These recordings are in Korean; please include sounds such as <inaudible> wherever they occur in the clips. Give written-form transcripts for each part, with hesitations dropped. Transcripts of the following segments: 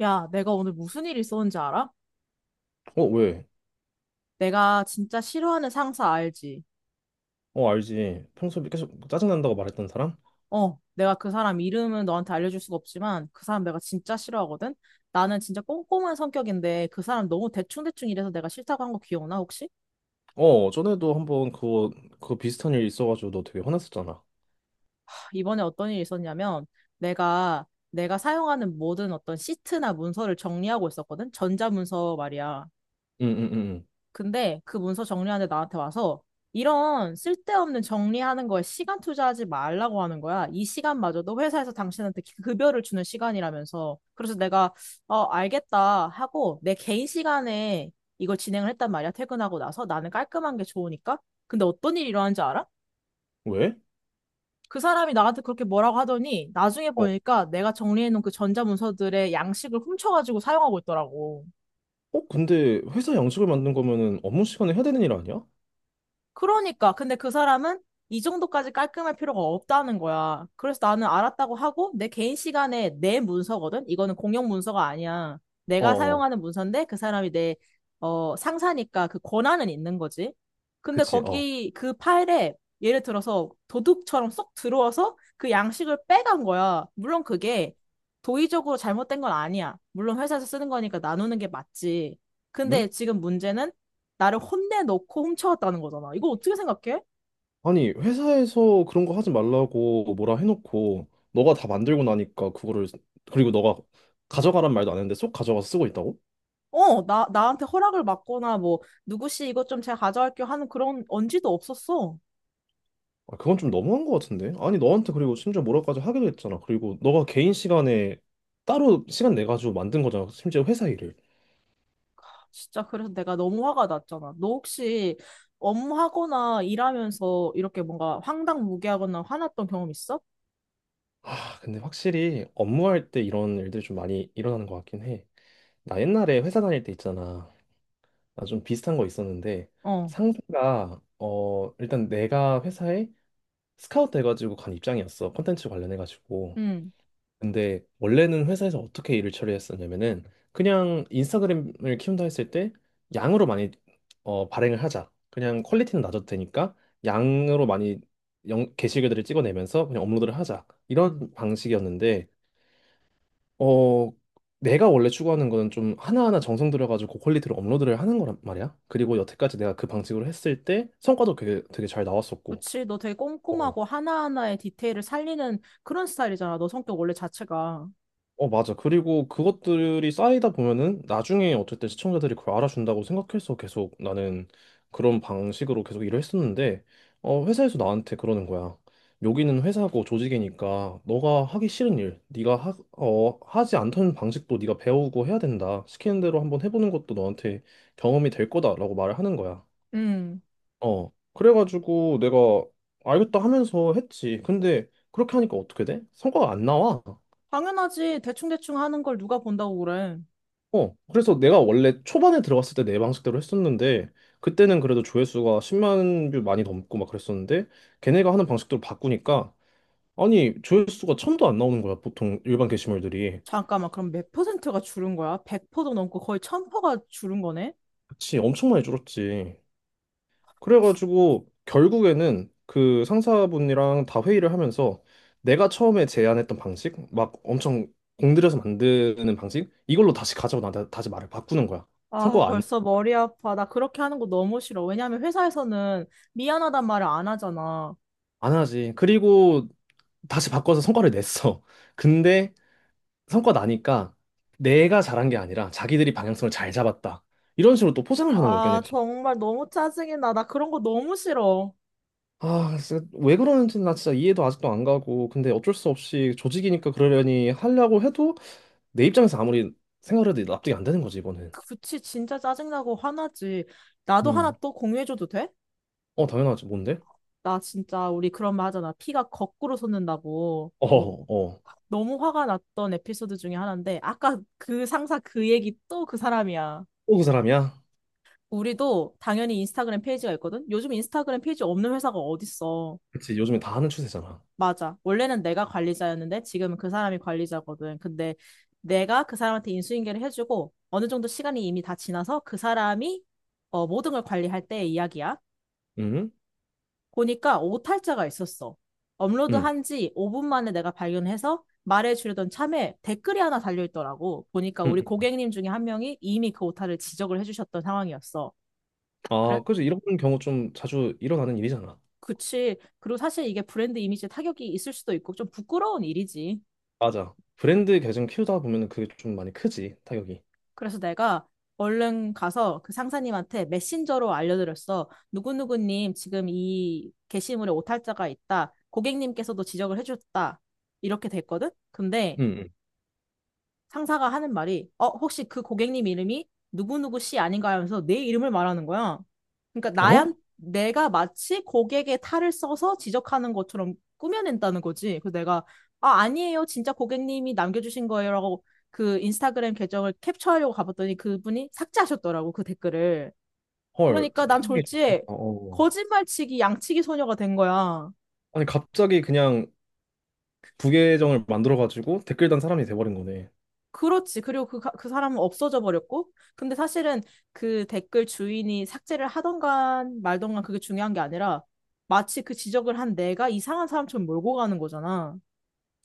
야, 내가 오늘 무슨 일 있었는지 알아? 어, 왜? 내가 진짜 싫어하는 상사 알지? 어, 알지. 평소에 계속 뭐 짜증난다고 말했던 사람? 어, 내가 그 사람 이름은 너한테 알려줄 수가 없지만 그 사람 내가 진짜 싫어하거든? 나는 진짜 꼼꼼한 성격인데 그 사람 너무 대충대충 일해서 내가 싫다고 한 거 기억나, 혹시? 어, 전에도 한번 그거 비슷한 일 있어가지고 너 되게 화났었잖아. 하, 이번에 어떤 일이 있었냐면 내가 사용하는 모든 어떤 시트나 문서를 정리하고 있었거든? 전자문서 말이야. 응, 응, 응. 근데 그 문서 정리하는데 나한테 와서 이런 쓸데없는 정리하는 거에 시간 투자하지 말라고 하는 거야. 이 시간마저도 회사에서 당신한테 급여를 주는 시간이라면서. 그래서 내가 알겠다 하고 내 개인 시간에 이걸 진행을 했단 말이야. 퇴근하고 나서 나는 깔끔한 게 좋으니까. 근데 어떤 일이 일어난지 알아? 응. 왜? 그 사람이 나한테 그렇게 뭐라고 하더니 나중에 어, 보니까 내가 정리해놓은 그 전자문서들의 양식을 훔쳐가지고 사용하고 있더라고. 어, 근데 회사 양식을 만든 거면은 업무 시간에 해야 되는 일 아니야? 그러니까. 근데 그 사람은 이 정도까지 깔끔할 필요가 없다는 거야. 그래서 나는 알았다고 하고 내 개인 시간에 내 문서거든? 이거는 공용 문서가 아니야. 어, 내가 어, 사용하는 문서인데 그 사람이 상사니까 그 권한은 있는 거지. 근데 그치, 어. 거기 그 파일에 예를 들어서 도둑처럼 쏙 들어와서 그 양식을 빼간 거야. 물론 그게 도의적으로 잘못된 건 아니야. 물론 회사에서 쓰는 거니까 나누는 게 맞지. 응? 근데 지금 문제는 나를 혼내놓고 훔쳐왔다는 거잖아. 이거 어떻게 생각해? 아니, 회사에서 그런 거 하지 말라고 뭐라 해놓고 너가 다 만들고 나니까 그거를, 그리고 너가 가져가란 말도 안 했는데 쏙 가져가서 쓰고 있다고? 나한테 허락을 받거나 뭐, 누구씨 이것 좀 제가 가져갈게요 하는 그런 언지도 없었어. 아, 그건 좀 너무한 것 같은데? 아니, 너한테 그리고 심지어 뭐라까지 하기도 했잖아. 그리고 너가 개인 시간에 따로 시간 내가지고 만든 거잖아. 심지어 회사 일을. 진짜 그래서 내가 너무 화가 났잖아. 너 혹시 업무하거나 일하면서 이렇게 뭔가 황당무계하거나 화났던 경험 있어? 아, 근데 확실히 업무할 때 이런 일들이 좀 많이 일어나는 것 같긴 해. 나 옛날에 회사 다닐 때 있잖아. 나 좀 비슷한 거 있었는데 어, 상사가 일단 내가 회사에 스카우트 돼가지고 간 입장이었어. 컨텐츠 관련해가지고. 응. 근데 원래는 회사에서 어떻게 일을 처리했었냐면은 그냥 인스타그램을 키운다 했을 때 양으로 많이 발행을 하자. 그냥 퀄리티는 낮아도 되니까 양으로 많이 영, 게시글들을 찍어내면서 그냥 업로드를 하자. 이런 방식이었는데 어 내가 원래 추구하는 거는 좀 하나하나 정성 들여가지고 고퀄리티로 업로드를 하는 거란 말이야. 그리고 여태까지 내가 그 방식으로 했을 때 성과도 되게, 되게 잘 나왔었고. 그치, 너 되게 어, 꼼꼼하고 하나하나의 디테일을 살리는 그런 스타일이잖아. 너 성격 원래 자체가. 어, 맞아. 그리고 그것들이 쌓이다 보면은 나중에 어쨌든 시청자들이 그걸 알아준다고 생각해서 계속 나는 그런 방식으로 계속 일을 했었는데, 회사에서 나한테 그러는 거야. 여기는 회사고 조직이니까 너가 하기 싫은 일, 네가 하지 않던 방식도 네가 배우고 해야 된다. 시키는 대로 한번 해보는 것도 너한테 경험이 될 거다라고 말을 하는 거야. 응. 어. 그래가지고 내가 알겠다 하면서 했지. 근데 그렇게 하니까 어떻게 돼? 성과가 안 나와. 당연하지. 대충대충 하는 걸 누가 본다고 그래. 어, 그래서 내가 원래 초반에 들어갔을 때 내 방식대로 했었는데, 그때는 그래도 조회수가 10만 뷰 많이 넘고 막 그랬었는데, 걔네가 하는 방식대로 바꾸니까, 아니, 조회수가 천도 안 나오는 거야, 보통 일반 게시물들이. 잠깐만, 그럼 몇 퍼센트가 줄은 거야? 100%도 넘고 거의 1000%가 줄은 거네? 그치, 엄청 많이 줄었지. 그래가지고, 결국에는 그 상사분이랑 다 회의를 하면서, 내가 처음에 제안했던 방식, 막 엄청 공들여서 만드는 방식, 이걸로 다시 가자고 나한테 다시 말을 바꾸는 거야. 아, 성과가 안, 벌써 머리 아파. 나 그렇게 하는 거 너무 싫어. 왜냐면 회사에서는 미안하단 말을 안 하잖아. 안 하지. 그리고 다시 바꿔서 성과를 냈어. <laughs> 근데 성과 나니까 내가 잘한 게 아니라 자기들이 방향성을 잘 잡았다. 이런 식으로 또 포장을 하는 거예요, 아, 걔네가. 정말 너무 짜증이 나. 나 그런 거 너무 싫어. 아, 진짜 왜 그러는지 나 진짜 이해도 아직도 안 가고. 근데 어쩔 수 없이 조직이니까 그러려니 하려고 해도 내 입장에서 아무리 생각을 해도 납득이 안 되는 거지, 이번엔. 그치, 진짜 짜증나고 화나지. 나도 하나 음. 또 공유해줘도 돼? 어, 당연하지. 뭔데? 나 진짜, 우리 그런 말 하잖아. 피가 거꾸로 솟는다고. 어, 어. 너무 화가 났던 에피소드 중에 하나인데, 아까 그 상사 그 얘기 또 그 사람이야. 또 그 사람이야? 우리도 당연히 인스타그램 페이지가 있거든? 요즘 인스타그램 페이지 없는 회사가 어딨어. 그치, 요즘에 다 하는 추세잖아. 맞아. 원래는 내가 관리자였는데 지금은 그 사람이 관리자거든. 근데 내가 그 사람한테 인수인계를 해주고 어느 정도 시간이 이미 다 지나서 그 사람이 모든 걸 관리할 때의 이야기야. 응? 보니까 오탈자가 있었어. 응. 업로드한 지 5분 만에 내가 발견해서 말해주려던 참에 댓글이 하나 달려있더라고. 보니까 응. 우리 응. 고객님 중에 한 명이 이미 그 오타를 지적을 해주셨던 상황이었어. 그래, 아, 그치. 이런 경우 좀 자주 일어나는 일이잖아. 그치. 그리고 사실 이게 브랜드 이미지에 타격이 있을 수도 있고 좀 부끄러운 일이지. 맞아. 브랜드 계정 키우다 보면은 그게 좀 많이 크지, 타격이. 그래서 내가 얼른 가서 그 상사님한테 메신저로 알려드렸어. 누구누구님 지금 이 게시물에 오탈자가 있다. 고객님께서도 지적을 해주셨다. 이렇게 됐거든? 근데 응. 상사가 하는 말이 어 혹시 그 고객님 이름이 누구누구 씨 아닌가 하면서 내 이름을 말하는 거야. 그러니까 응. 어? 나한 내가 마치 고객의 탈을 써서 지적하는 것처럼 꾸며낸다는 거지. 그래서 내가 아 아니에요 진짜 고객님이 남겨주신 거예요라고 그 인스타그램 계정을 캡처하려고 가봤더니 그분이 삭제하셨더라고 그 댓글을. 헐, 그러니까 진짜 난 타격이 졸지에 어. 어. 거짓말치기 양치기 소녀가 된 거야. 아니 갑자기 그냥 부계정을 만들어가지고 댓글 단 사람이 돼버린 거네. 그렇지. 그리고 그 사람은 없어져 버렸고. 근데 사실은 그 댓글 주인이 삭제를 하던간 말던간 그게 중요한 게 아니라 마치 그 지적을 한 내가 이상한 사람처럼 몰고 가는 거잖아.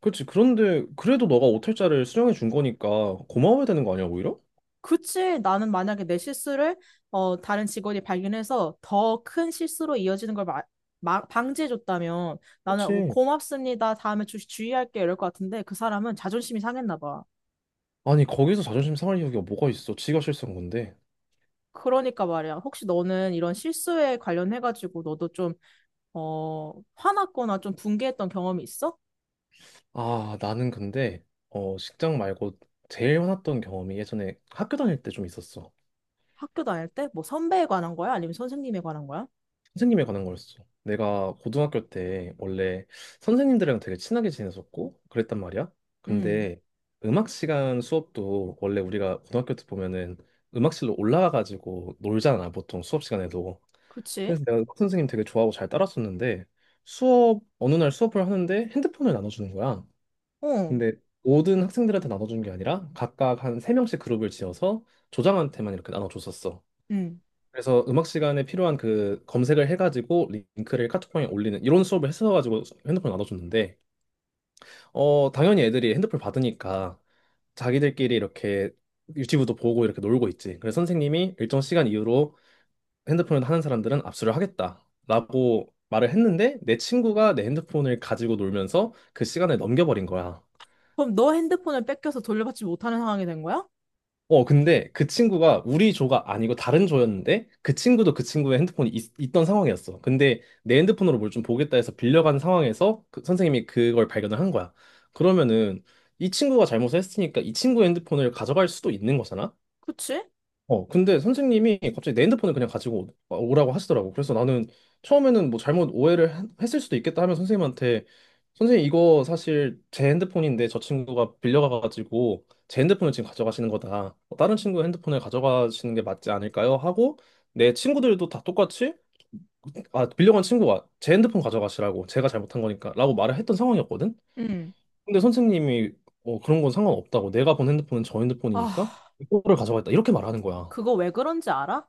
그렇지. 그런데 그래도 너가 오탈자를 수령해 준 거니까 고마워야 되는 거 아니야, 오히려? 그치. 나는 만약에 내 실수를 다른 직원이 발견해서 더 큰 실수로 이어지는 걸 방지해줬다면 나는 뭐 그렇지. 고맙습니다. 다음에 주의할게. 이럴 것 같은데 그 사람은 자존심이 상했나 봐. 아니 거기서 자존심 상할 이유가 뭐가 있어? 지가 실수한 건데. 그러니까 말이야. 혹시 너는 이런 실수에 관련해가지고 너도 좀 화났거나 좀 분개했던 경험이 있어? 아 나는 근데 직장 말고 제일 화났던 경험이 예전에 학교 다닐 때 좀 있었어. 학교 다닐 때? 뭐 선배에 관한 거야? 아니면 선생님에 관한 거야? 선생님에 관한 거였어. 내가 고등학교 때 원래 선생님들이랑 되게 친하게 지냈었고 그랬단 말이야. 음, 근데 음악 시간 수업도 원래 우리가 고등학교 때 보면은 음악실로 올라가가지고 놀잖아, 보통 수업 시간에도. 그치? 그래서 내가 음악 선생님 되게 좋아하고 잘 따랐었는데 수업, 어느 날 수업을 하는데 핸드폰을 나눠주는 거야. 어, 근데 모든 학생들한테 나눠주는 게 아니라 각각 한 세명씩 그룹을 지어서 조장한테만 이렇게 나눠줬었어. 음, 그래서 음악 시간에 필요한 그 검색을 해가지고 링크를 카톡방에 올리는 이런 수업을 했어가지고 핸드폰 나눠줬는데 당연히 애들이 핸드폰 받으니까 자기들끼리 이렇게 유튜브도 보고 이렇게 놀고 있지. 그래서 선생님이 일정 시간 이후로 핸드폰을 하는 사람들은 압수를 하겠다라고 말을 했는데 내 친구가 내 핸드폰을 가지고 놀면서 그 시간을 넘겨버린 거야. 그럼 너 핸드폰을 뺏겨서 돌려받지 못하는 상황이 된 거야? 근데 그 친구가 우리 조가 아니고 다른 조였는데 그 친구도 그 친구의 핸드폰이 있, 던 상황이었어. 근데 내 핸드폰으로 뭘 좀 보겠다 해서 빌려간 상황에서 그 선생님이 그걸 발견을 한 거야. 그러면은 이 친구가 잘못을 했으니까 이 친구의 핸드폰을 가져갈 수도 있는 거잖아? 그치? 어, 근데 선생님이 갑자기 내 핸드폰을 그냥 가지고 오라고 하시더라고. 그래서 나는 처음에는 뭐 잘못 오해를 했을 수도 있겠다 하면 선생님한테 선생님 이거 사실 제 핸드폰인데 저 친구가 빌려가가지고 제 핸드폰을 지금 가져가시는 거다. 어, 다른 친구 핸드폰을 가져가시는 게 맞지 않을까요? 하고 내 친구들도 다 똑같이 아, 빌려간 친구가 제 핸드폰 가져가시라고 제가 잘못한 거니까 라고 말을 했던 상황이었거든. 음, 근데 선생님이 그런 건 상관없다고 내가 본 핸드폰은 저 핸드폰이니까 아, 이거를 가져가겠다 이렇게 말하는 거야. 그거 왜 그런지 알아?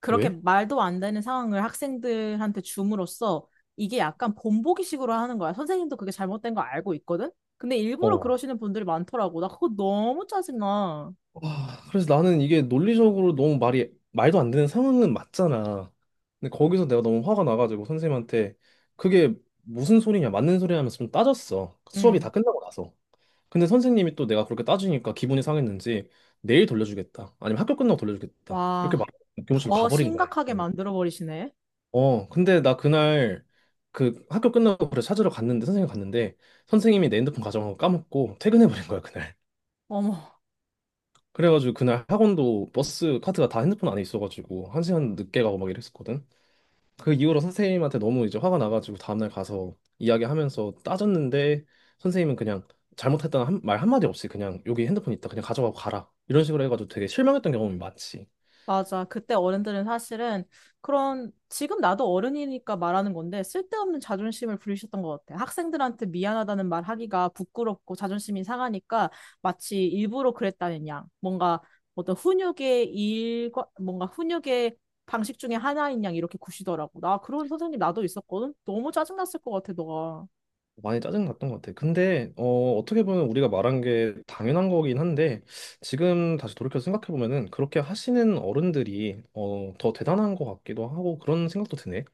그렇게 왜? 말도 안 되는 상황을 학생들한테 줌으로써 이게 약간 본보기식으로 하는 거야. 선생님도 그게 잘못된 거 알고 있거든? 근데 일부러 어, 그러시는 분들이 많더라고. 나 그거 너무 짜증나. 와, 그래서 나는 이게 논리적으로 너무 말이 말도 안 되는 상황은 맞잖아. 근데 거기서 내가 너무 화가 나가지고 선생님한테 그게 무슨 소리냐, 맞는 소리 하면서 좀 따졌어. 수업이 음. 다 끝나고 나서. 근데 선생님이 또 내가 그렇게 따지니까 기분이 상했는지 내일 돌려주겠다. 아니면 학교 끝나고 돌려주겠다. 이렇게 와, 막 교무실로 더 가버린 거래. 심각하게 예. 만들어 버리시네. 근데 나 그날 그 학교 끝나고 그래 찾으러 갔는데 선생님 갔는데 선생님이 내 핸드폰 가져간 거 까먹고 퇴근해버린 거야, 그날. 어머, 그래가지고 그날 학원도 버스 카드가 다 핸드폰 안에 있어가지고 한 시간 늦게 가고 막 이랬었거든. 그 이후로 선생님한테 너무 이제 화가 나가지고 다음날 가서 이야기하면서 따졌는데 선생님은 그냥 잘못했다는 말 한마디 없이 그냥 여기 핸드폰 있다 그냥 가져가고 가라 이런 식으로 해가지고 되게 실망했던 경험이 많지. 맞아. 그때 어른들은 사실은 그런 지금 나도 어른이니까 말하는 건데 쓸데없는 자존심을 부리셨던 것 같아. 학생들한테 미안하다는 말 하기가 부끄럽고 자존심이 상하니까 마치 일부러 그랬다는 양. 뭔가 어떤 훈육의 일과 뭔가 훈육의 방식 중에 하나인 양 이렇게 구시더라고. 나 그런 선생님 나도 있었거든. 너무 짜증났을 것 같아, 너가. 많이 짜증 났던 것 같아. 근데 어떻게 보면 우리가 말한 게 당연한 거긴 한데 지금 다시 돌이켜 생각해 보면은 그렇게 하시는 어른들이 더 대단한 것 같기도 하고 그런 생각도 드네.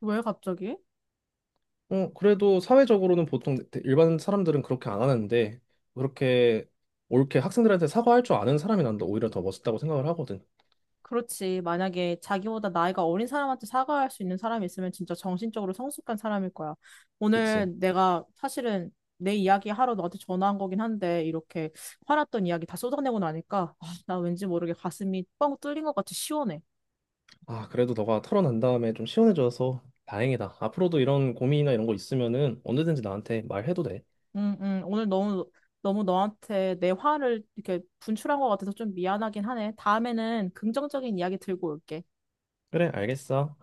왜 갑자기? 그래도 사회적으로는 보통 일반 사람들은 그렇게 안 하는데, 그렇게 옳게 학생들한테 사과할 줄 아는 사람이 난다 오히려 더 멋있다고 생각을 하거든. 그렇지. 만약에 자기보다 나이가 어린 사람한테 사과할 수 있는 사람이 있으면 진짜 정신적으로 성숙한 사람일 거야. 그치? 오늘 내가 사실은 내 이야기 하러 너한테 전화한 거긴 한데 이렇게 화났던 이야기 다 쏟아내고 나니까 아, 나 왠지 모르게 가슴이 뻥 뚫린 것 같이 시원해. 아, 그래도 너가 털어난 다음에 좀 시원해져서 다행이다. 앞으로도 이런 고민이나 이런 거 있으면은 언제든지 나한테 말해도 돼. 응, 응. 오늘 너무 너무 너한테 내 화를 이렇게 분출한 것 같아서 좀 미안하긴 하네. 다음에는 긍정적인 이야기 들고 올게. 그래, 알겠어.